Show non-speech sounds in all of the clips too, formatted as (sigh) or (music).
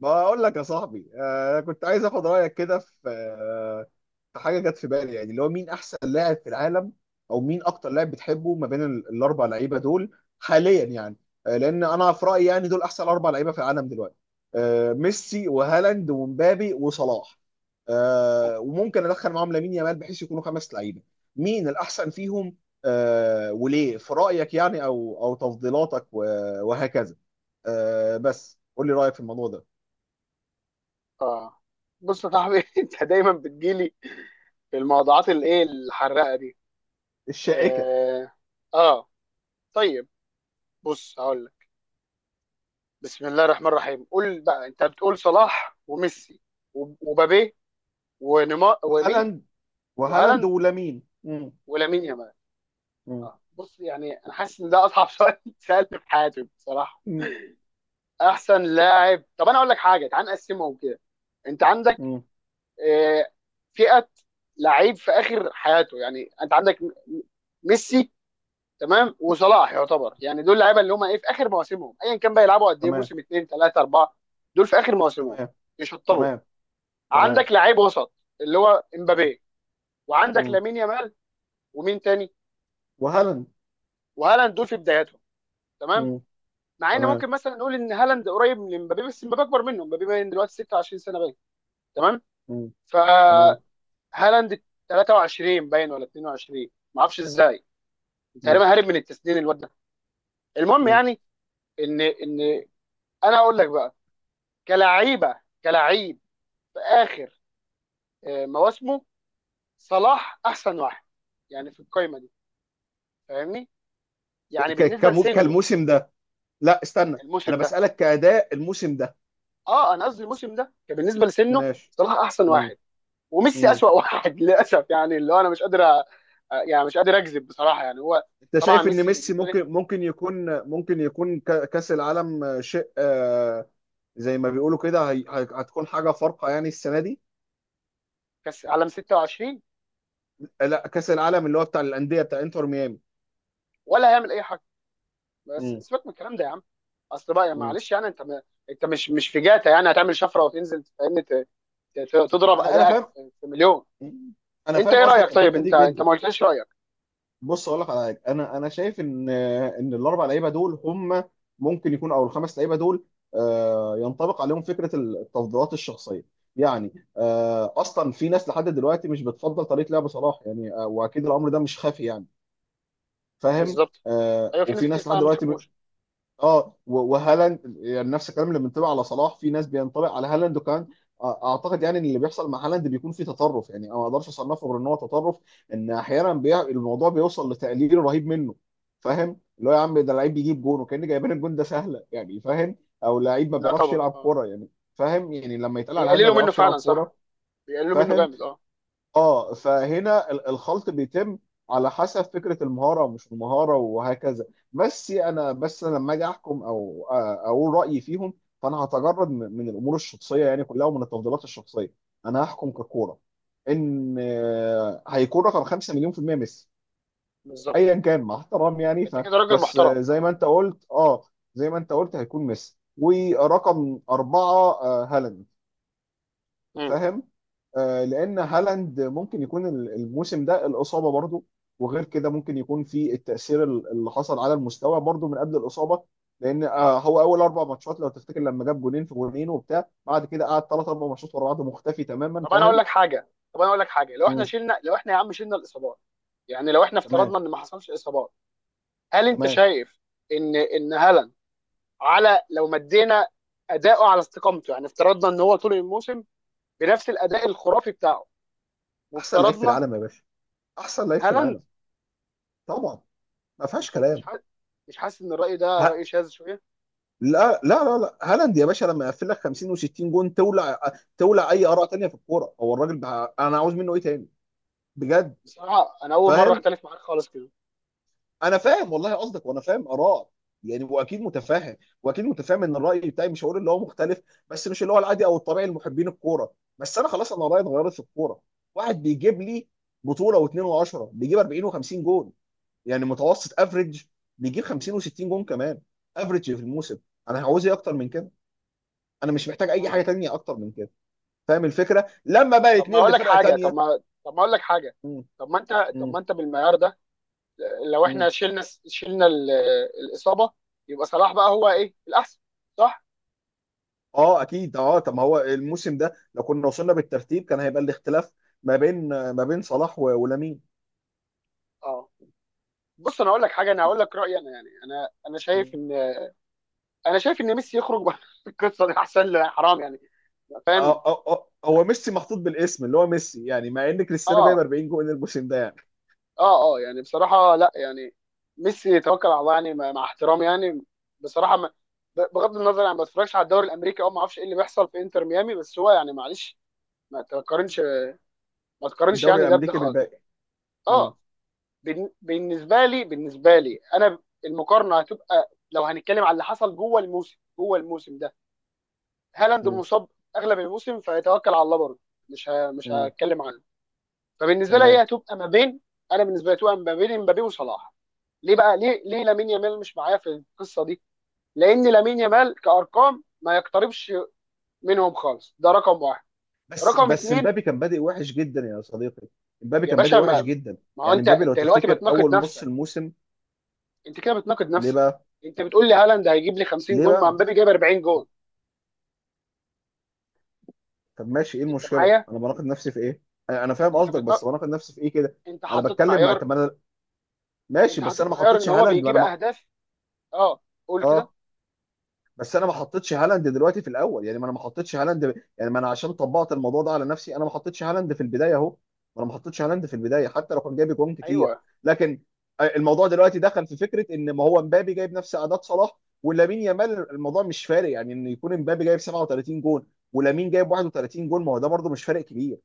بقول لك يا صاحبي، كنت عايز اخد رايك كده في حاجه جت في بالي، يعني اللي هو مين احسن لاعب في العالم، او مين اكتر لاعب بتحبه ما بين الاربع لعيبه دول حاليا يعني. لان انا في رايي يعني دول احسن اربع لعيبه في العالم دلوقتي. ميسي وهالاند ومبابي وصلاح. وممكن ادخل معاهم لامين يامال بحيث يكونوا خمس لعيبه. مين الاحسن فيهم؟ وليه في رايك يعني، او تفضيلاتك و- وهكذا. بس قول لي رايك في الموضوع ده. اه بص يا صاحبي (laughs) انت دايما بتجيلي في الموضوعات الايه الحراقه دي. الشائكه. اه, آه. طيب، بص هقول لك. بسم الله الرحمن الرحيم. قول بقى، انت بتقول صلاح وميسي ومبابي ونيمار ومين، وهالاند وهالاند وهالاند ولامين. مم. ولامين يامال. مم. اه بص، يعني انا حاسس ان ده اصعب سؤال (laughs) اتسالت في حياتي بصراحه. مم. احسن لاعب؟ طب انا اقول لك حاجه، تعال نقسمهم كده. انت عندك مم. آه فئه لعيب في اخر حياته. يعني انت عندك ميسي، تمام، وصلاح. يعتبر يعني دول لعيبه اللي هم ايه، في اخر مواسمهم ايا كان بقى، يلعبوا قد ايه، تمام. موسم اثنين ثلاثه اربعه، دول في اخر مواسمهم تمام. يشطبوا. تمام. تمام. عندك لعيب وسط اللي هو تمام. امبابي، وعندك مم. لامين يامال ومين تاني وهالاند. وهالاند، دول في بداياتهم. تمام. مم. مع ان تمام. ممكن مثلا نقول ان هالاند قريب من امبابي، بس امبابي اكبر منه. امبابي باين دلوقتي 26 سنه باين. تمام. مم. تمام. فهالاند 23 باين ولا 22، ما اعرفش ازاي، مم. تقريبا هارب من التسنين الواد ده. المهم مم. يعني ان انا اقول لك بقى، كلعيبه، كلعيب في اخر مواسمه، صلاح احسن واحد يعني في القايمه دي، فاهمني؟ يعني بالنسبه لسنه كالموسم ده. لا، استنى. الموسم انا ده. بسألك كأداء الموسم ده. اه انا قصدي الموسم ده كان بالنسبه لسنه ماشي. صلاح احسن مم. واحد، وميسي مم. اسوأ واحد (laughs) للاسف يعني، اللي هو انا مش قادر يعني مش قادر اكذب بصراحه، يعني هو. انت طبعا شايف ان ميسي ميسي بالنسبه لي ممكن يكون كأس العالم شيء، زي ما بيقولوا كده، هتكون حاجة فارقة يعني السنة دي. كاس عالم 26 لا، كأس العالم اللي هو بتاع الأندية، بتاع انتر ميامي. ولا هيعمل اي حاجه، بس مم. سيبك من الكلام ده يا عم. اصل بقى يعني مم. معلش، يعني انت انت مش في جاتا يعني هتعمل شفره وتنزل، فاهمني؟ تضرب انا ادائك فاهم. في مليون. مم. انا انت فاهم ايه قصدك رايك في طيب؟ الحته دي انت جدا. ما قلتليش رايك. بص اقول لك على حاجه، انا شايف ان الاربع لعيبه دول هم، ممكن يكون، او الخمس لعيبه دول، ينطبق عليهم فكره التفضيلات الشخصيه، يعني اصلا في ناس لحد دلوقتي مش بتفضل طريقه لعب صلاح، يعني واكيد الامر ده مش خافي يعني. فاهم؟ بالظبط. ايوه في ناس وفي كتير ناس لحد فعلا ما دلوقتي، بتحبوش. اه وهالاند يعني نفس الكلام اللي بينطبق على صلاح، في ناس بينطبق على هالاند، وكان اعتقد يعني ان اللي بيحصل مع هالاند بيكون فيه تطرف، يعني أنا ما اقدرش اصنفه غير ان هو تطرف. ان احيانا الموضوع بيوصل لتقليل رهيب منه. فاهم؟ اللي هو يا عم، ده لعيب بيجيب جون وكان جايبين الجون ده سهله يعني. فاهم؟ او لعيب ما لا بيعرفش طبعا. يلعب اه كوره يعني. فاهم؟ يعني لما يتقال على هالاند ما بيقللوا منه بيعرفش يلعب فعلا، كوره. صح، بيقللوا منه فاهم؟ جامد. اه اه، فهنا الخلط بيتم على حسب فكره المهاره ومش المهاره وهكذا. بس انا لما اجي احكم او اقول رايي فيهم، فانا هتجرد من الامور الشخصيه يعني كلها، ومن التفضيلات الشخصيه. انا هحكم ككوره. ان هيكون رقم 5 مليون في المية ميسي. بالظبط. ايا كان، مع احترام يعني. ف انت كده راجل بس محترم. زي ما اه انت قلت، اه زي ما انت قلت، هيكون ميسي ورقم أربعة، هالاند. امم فاهم؟ لان هالاند ممكن يكون الموسم ده الاصابه برضو، وغير كده ممكن يكون في التاثير اللي حصل على المستوى برضو من قبل الاصابه. لان هو اول اربع ماتشات لو تفتكر، لما جاب جونين في جونين وبتاع، بعد كده قعد ثلاث اربع ماتشات ورا بعض مختفي تماما. طب انا اقول فاهم؟ لك حاجه. طب انا اقول لك حاجه لو احنا مم. شلنا لو احنا يا عم شلنا الاصابات، يعني لو احنا تمام. افترضنا ان ما حصلش اصابات، هل انت تمام. شايف ان هالاند، على لو مدينا اداؤه على استقامته، يعني افترضنا ان هو طول الموسم بنفس الاداء الخرافي بتاعه، احسن لعيب في وافترضنا العالم يا باشا. احسن لعيب في هالاند، العالم. طبعا. ما فيهاش انت مش كلام. حاسس؟ مش حاسس ان الراي ده ها. راي شاذ شويه؟ لا لا لا لا، هالاند يا باشا لما يقفل لك 50 و60 جون، تولع. تولع اي اراء تانية في الكوره، هو الراجل انا عاوز منه ايه تاني؟ بجد. بصراحه انا اول مره فاهم؟ اختلف معاك خالص كده. انا فاهم والله قصدك، وانا فاهم ارائك، يعني واكيد متفاهم. واكيد متفاهم ان الراي بتاعي، مش هقول اللي هو مختلف، بس مش اللي هو العادي او الطبيعي لمحبين الكوره. بس انا خلاص، انا رايي اتغيرت في الكوره. واحد بيجيب لي بطوله واثنين وعشرة، بيجيب 40 و50 جون يعني. متوسط افريج بيجيب 50 و60 جون كمان، افريج في الموسم. انا هعوز ايه اكتر من كده؟ انا مش محتاج اي حاجه مم. تانية اكتر من كده. فاهم الفكره لما بقى طب ما يتنقل اقول لك لفرقه حاجه. طب تانية؟ ما طب ما اقول لك حاجه مم. طب ما انت طب مم. ما انت بالمعيار ده، لو احنا مم. شلنا، شلنا ال- الاصابه، يبقى صلاح بقى هو ايه؟ الاحسن، صح. اه اكيد، اه طب ما هو الموسم ده لو كنا وصلنا بالترتيب كان هيبقى الاختلاف ما بين صلاح ولامين. اه بص انا اقول لك حاجه، انا هقول لك رايي انا، يعني انا شايف مم. ان ميسي يخرج بره (laughs) القصه دي، احسن له، حرام يعني، فاهم؟ اه اه اه، هو ميسي محطوط بالاسم اللي هو ميسي يعني، مع ان كريستيانو جايب اه 40 جول الموسم ده يعني. اه يعني بصراحه، لا يعني، ميسي يتوكل على الله يعني، مع احترامي يعني. بصراحه ما ب- بغض النظر يعني، ما بتفرجش على الدوري الامريكي او ما اعرفش ايه اللي بيحصل في انتر ميامي، بس هو يعني معلش، ما تقارنش، ما تقارنش، الدوري يعني ده بده الامريكي خالص. بالباقي. مم. اه بالنسبه لي، بالنسبه لي انا، المقارنه هتبقى لو هنتكلم على اللي حصل جوه الموسم، جوه الموسم ده هالاند مم. مصاب اغلب الموسم، فيتوكل على الله برضه، مش مم. هتكلم عنه. فبالنسبه لي تمام. هي هتبقى ما بين، انا بالنسبه لي هتبقى ما بين امبابي وصلاح. ليه بقى؟ ليه ليه لامين يامال مش معايا في القصه دي؟ لان لامين يامال كارقام ما يقتربش منهم خالص، ده رقم واحد، بس رقم بس اتنين. مبابي كان بادئ وحش جدا يا صديقي. مبابي يا كان باشا بادئ وحش جدا. ما هو يعني انت مبابي لو انت دلوقتي تفتكر بتناقض اول نص نفسك، الموسم. انت كده بتناقض ليه نفسك. بقى؟ انت بتقول لي هالاند هيجيب لي 50 ليه جون مع بقى؟ مبابي جايب 40 جون، طب ماشي، ايه انت المشكله؟ معايا؟ انا بناقض نفسي في ايه؟ انا فاهم انت قصدك، بس بتناقض، بناقض نفسي في ايه كده؟ انت انا حطيت بتكلم مع، معيار، طب ماشي، انت بس حطيت انا ما معيار ان حطيتش هو هالاند، ما بيجيب انا ما... اهداف. اه قول كده. اه بس انا ما حطيتش هالاند دلوقتي في الاول يعني، ما انا ما حطيتش هالاند، يعني ما انا عشان طبقت الموضوع ده على نفسي انا ما حطيتش هالاند في البدايه اهو. ما انا ما حطيتش هالاند في البدايه حتى لو كان جايب جون كتير. ايوه، لكن الموضوع دلوقتي دخل في فكره ان، ما هو مبابي جايب نفس اعداد صلاح ولامين يامال، الموضوع مش فارق يعني، ان يكون مبابي جايب 37 جون ولامين جايب 31 جون، ما هو ده برده مش فارق كبير.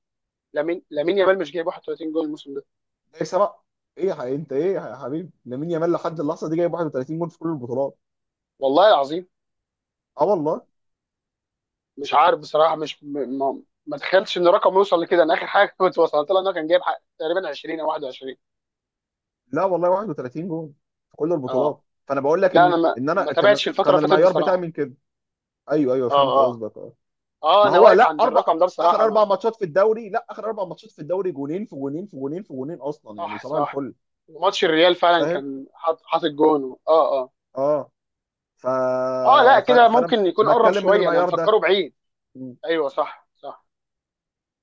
لامين يامال مش جايب 31 جون الموسم ده؟ جايب سبعه؟ ايه انت ايه يا حبيبي، لامين يامال لحد اللحظه دي جايب 31 جون في كل البطولات. والله العظيم اه والله. مش عارف بصراحه، مش م- ما ما تخيلتش ان الرقم يوصل لكده، انا اخر حاجه كنت وصلت لها ان انا كان جايب حق تقريبا 20 او 21. لا والله، 31 جول في كل اه البطولات. فانا بقول لك لا ان انا ان انا ما كان تابعتش الفتره كان اللي فاتت المعيار بتاعي بصراحه. من كده. ايوه ايوه فهمت اه اه قصدك، اه. اه ما انا هو واقف لا، عند اربع، الرقم ده اخر بصراحه. ما، اربع ماتشات في الدوري، لا اخر اربع ماتشات في الدوري، جونين في جونين في جونين في جونين اصلا يعني، صح صباح صح، الفل. ماتش الريال فعلا فاهم؟ كان حاطط جون. اه اه. ف... اه لا كده فانا ممكن يكون قرب بتكلم من شويه، انا المعيار مفكره ده. بعيد. م- ايوه صح صح.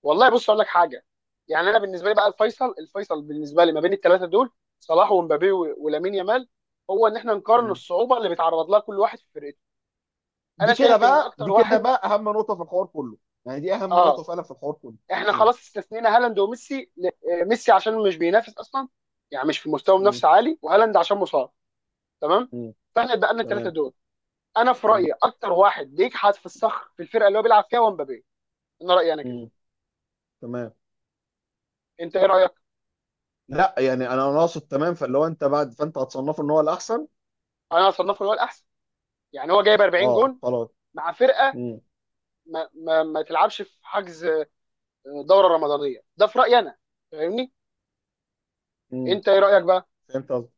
والله بص اقول لك حاجه، يعني انا بالنسبه لي بقى، الفيصل، الفيصل بالنسبه لي ما بين الثلاثه دول، صلاح ومبابي ولامين يامال، هو ان احنا نقارن م. الصعوبه اللي بيتعرض لها كل واحد في فرقته. انا دي كده شايف ان بقى، اكتر دي كده واحد، بقى اهم نقطه في الحوار كله. يعني دي اهم نقطه اه فعلا في الحوار كله. احنا م- خلاص استثنينا هالاند وميسي ميسي عشان مش بينافس اصلا يعني، مش في مستوى م- منافسه عالي، وهالاند عشان مصاب، تمام. م. فاحنا اتبقى الثلاثه تمام. دول. انا في م- رايي اكتر واحد بيجحد في الصخر في الفرقه اللي هو بيلعب فيها هو مبابي، انا رايي انا كده. م. تمام. انت ايه رايك؟ لا يعني، انا اقصد تمام فاللي هو انت بعد، فانت هتصنفه ان هو الاحسن. انا اصنفه هو الاحسن، يعني هو جايب 40 اه جون خلاص. مع فرقه امم. ما تلعبش في حجز دوره رمضانيه ده، في رايي انا، فاهمني؟ امم. انت ايه رايك بقى؟ فهمت قصدك.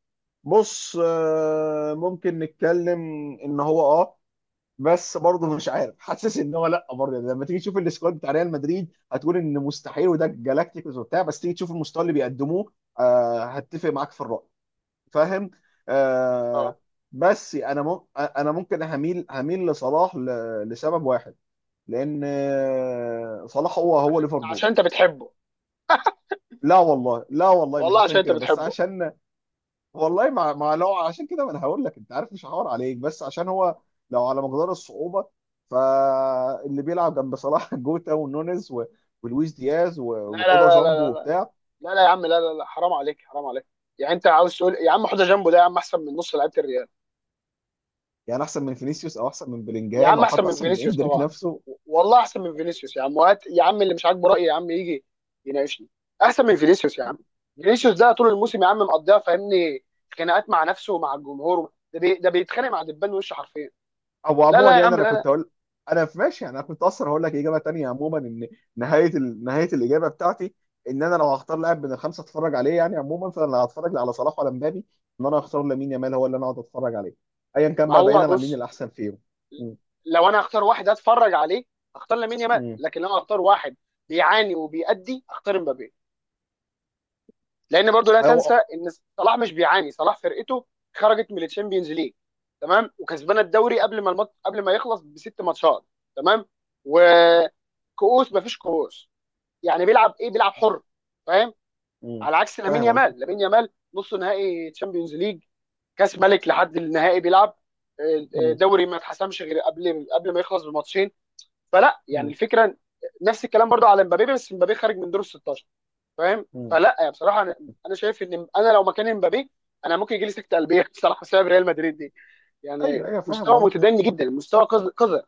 بص ممكن نتكلم ان هو، بس برضه مش عارف، حاسس ان هو، لا برضه يعني لما تيجي تشوف السكواد بتاع ريال مدريد هتقول ان مستحيل، وده جالاكتيكوس وبتاع، بس تيجي تشوف المستوى اللي بيقدموه. هتفق معاك في الرأي. فاهم؟ اه آه. بس انا انا ممكن هميل لصلاح، لسبب واحد. لان صلاح هو عشان، ليفربول. عشان انت بتحبه، لا والله، لا والله مش والله عشان عشان انت كده، بس بتحبه. عشان، والله مع مع، لو عشان كده ما انا هقول لك، انت عارف مش هحاور عليك، بس عشان هو لو على مقدار الصعوبه، فاللي بيلعب جنب صلاح (laughs) جوتا ونونيز ولويس دياز لا لا وحوضه لا جامبو لا لا وبتاع. لا يا عم، لا لا لا حرام عليك، حرام عليك، يعني انت عاوز تقول يا عم حوضه جنبه ده يا عم احسن من نص لعيبه الريال؟ يعني احسن من فينيسيوس او احسن من يا بلينجهام عم او احسن حتى من احسن من فينيسيوس اندريك طبعا، نفسه. والله احسن من فينيسيوس يا عم، وهات يا عم اللي مش عاجبه رايي يا عم يجي يناقشني. احسن من فينيسيوس يا عم، فينيسيوس ده طول الموسم يا عم مقضيها، فاهمني، خناقات مع نفسه ومع الجمهور، ده بيتخانق مع دبان وشه حرفيا. او لا عموما لا يا يعني، عم انا لا لا كنت اقول، انا في ماشي يعني، انا كنت اصلا هقول لك اجابه تانية عموما ان نهايه الاجابه بتاعتي، ان انا لو هختار لاعب من الخمسه اتفرج عليه يعني عموما، فانا لا هتفرج لا على صلاح ولا مبابي، ان انا هختار لامين يامال هو اللي انا اقعد اتفرج عليه، ايا كان ما بقى هو بعيدا عن مين بص، الاحسن فيهم. م- لو انا اختار واحد اتفرج عليه اختار لامين يامال، م. لكن لو انا اختار واحد بيعاني وبيأدي اختار مبابي، لان برضو لا تنسى هو. ان صلاح مش بيعاني، صلاح فرقته خرجت من الشامبيونز ليج، تمام، وكسبانه الدوري قبل ما المط... قبل ما يخلص بست ماتشات، تمام، وكؤوس مفيش كؤوس، يعني بيلعب ايه؟ بيلعب حر، فاهم؟ م- على عكس لامين فاهم قصدي. يامال، لامين يامال نص نهائي تشامبيونز ليج، كاس ملك لحد النهائي بيلعب، م- دوري ما اتحسمش غير قبل ما يخلص بماتشين. فلا يعني م- الفكره، نفس الكلام برضه على مبابي، بس مبابي خارج من دور ال 16، فاهم؟ م. فلا يعني بصراحه انا شايف ان انا لو مكان مبابي انا ممكن يجي لي سكته قلبيه (laughs) بصراحه، بسبب ريال مدريد دي، ايوه يعني ايوه فاهم مستوى قصدي. متدني جدا، مستوى قذر،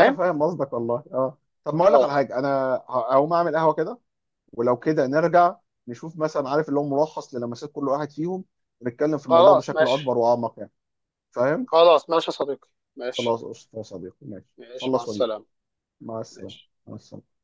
انا فاهم قصدك والله، اه. طب ما اقول لك اه على حاجه، انا هقوم اعمل قهوه كده، ولو كده نرجع نشوف مثلا، عارف اللي هو ملخص للمسات كل واحد فيهم، ونتكلم في الموضوع خلاص بشكل ماشي. اكبر واعمق يعني. فاهم؟ خلاص ماشي يا صديقي. ماشي، خلاص قشطة يا صديقي، ماشي. ماشي، مع خلص واجيلك. السلامه، مع السلامه. ماشي. مع السلامه.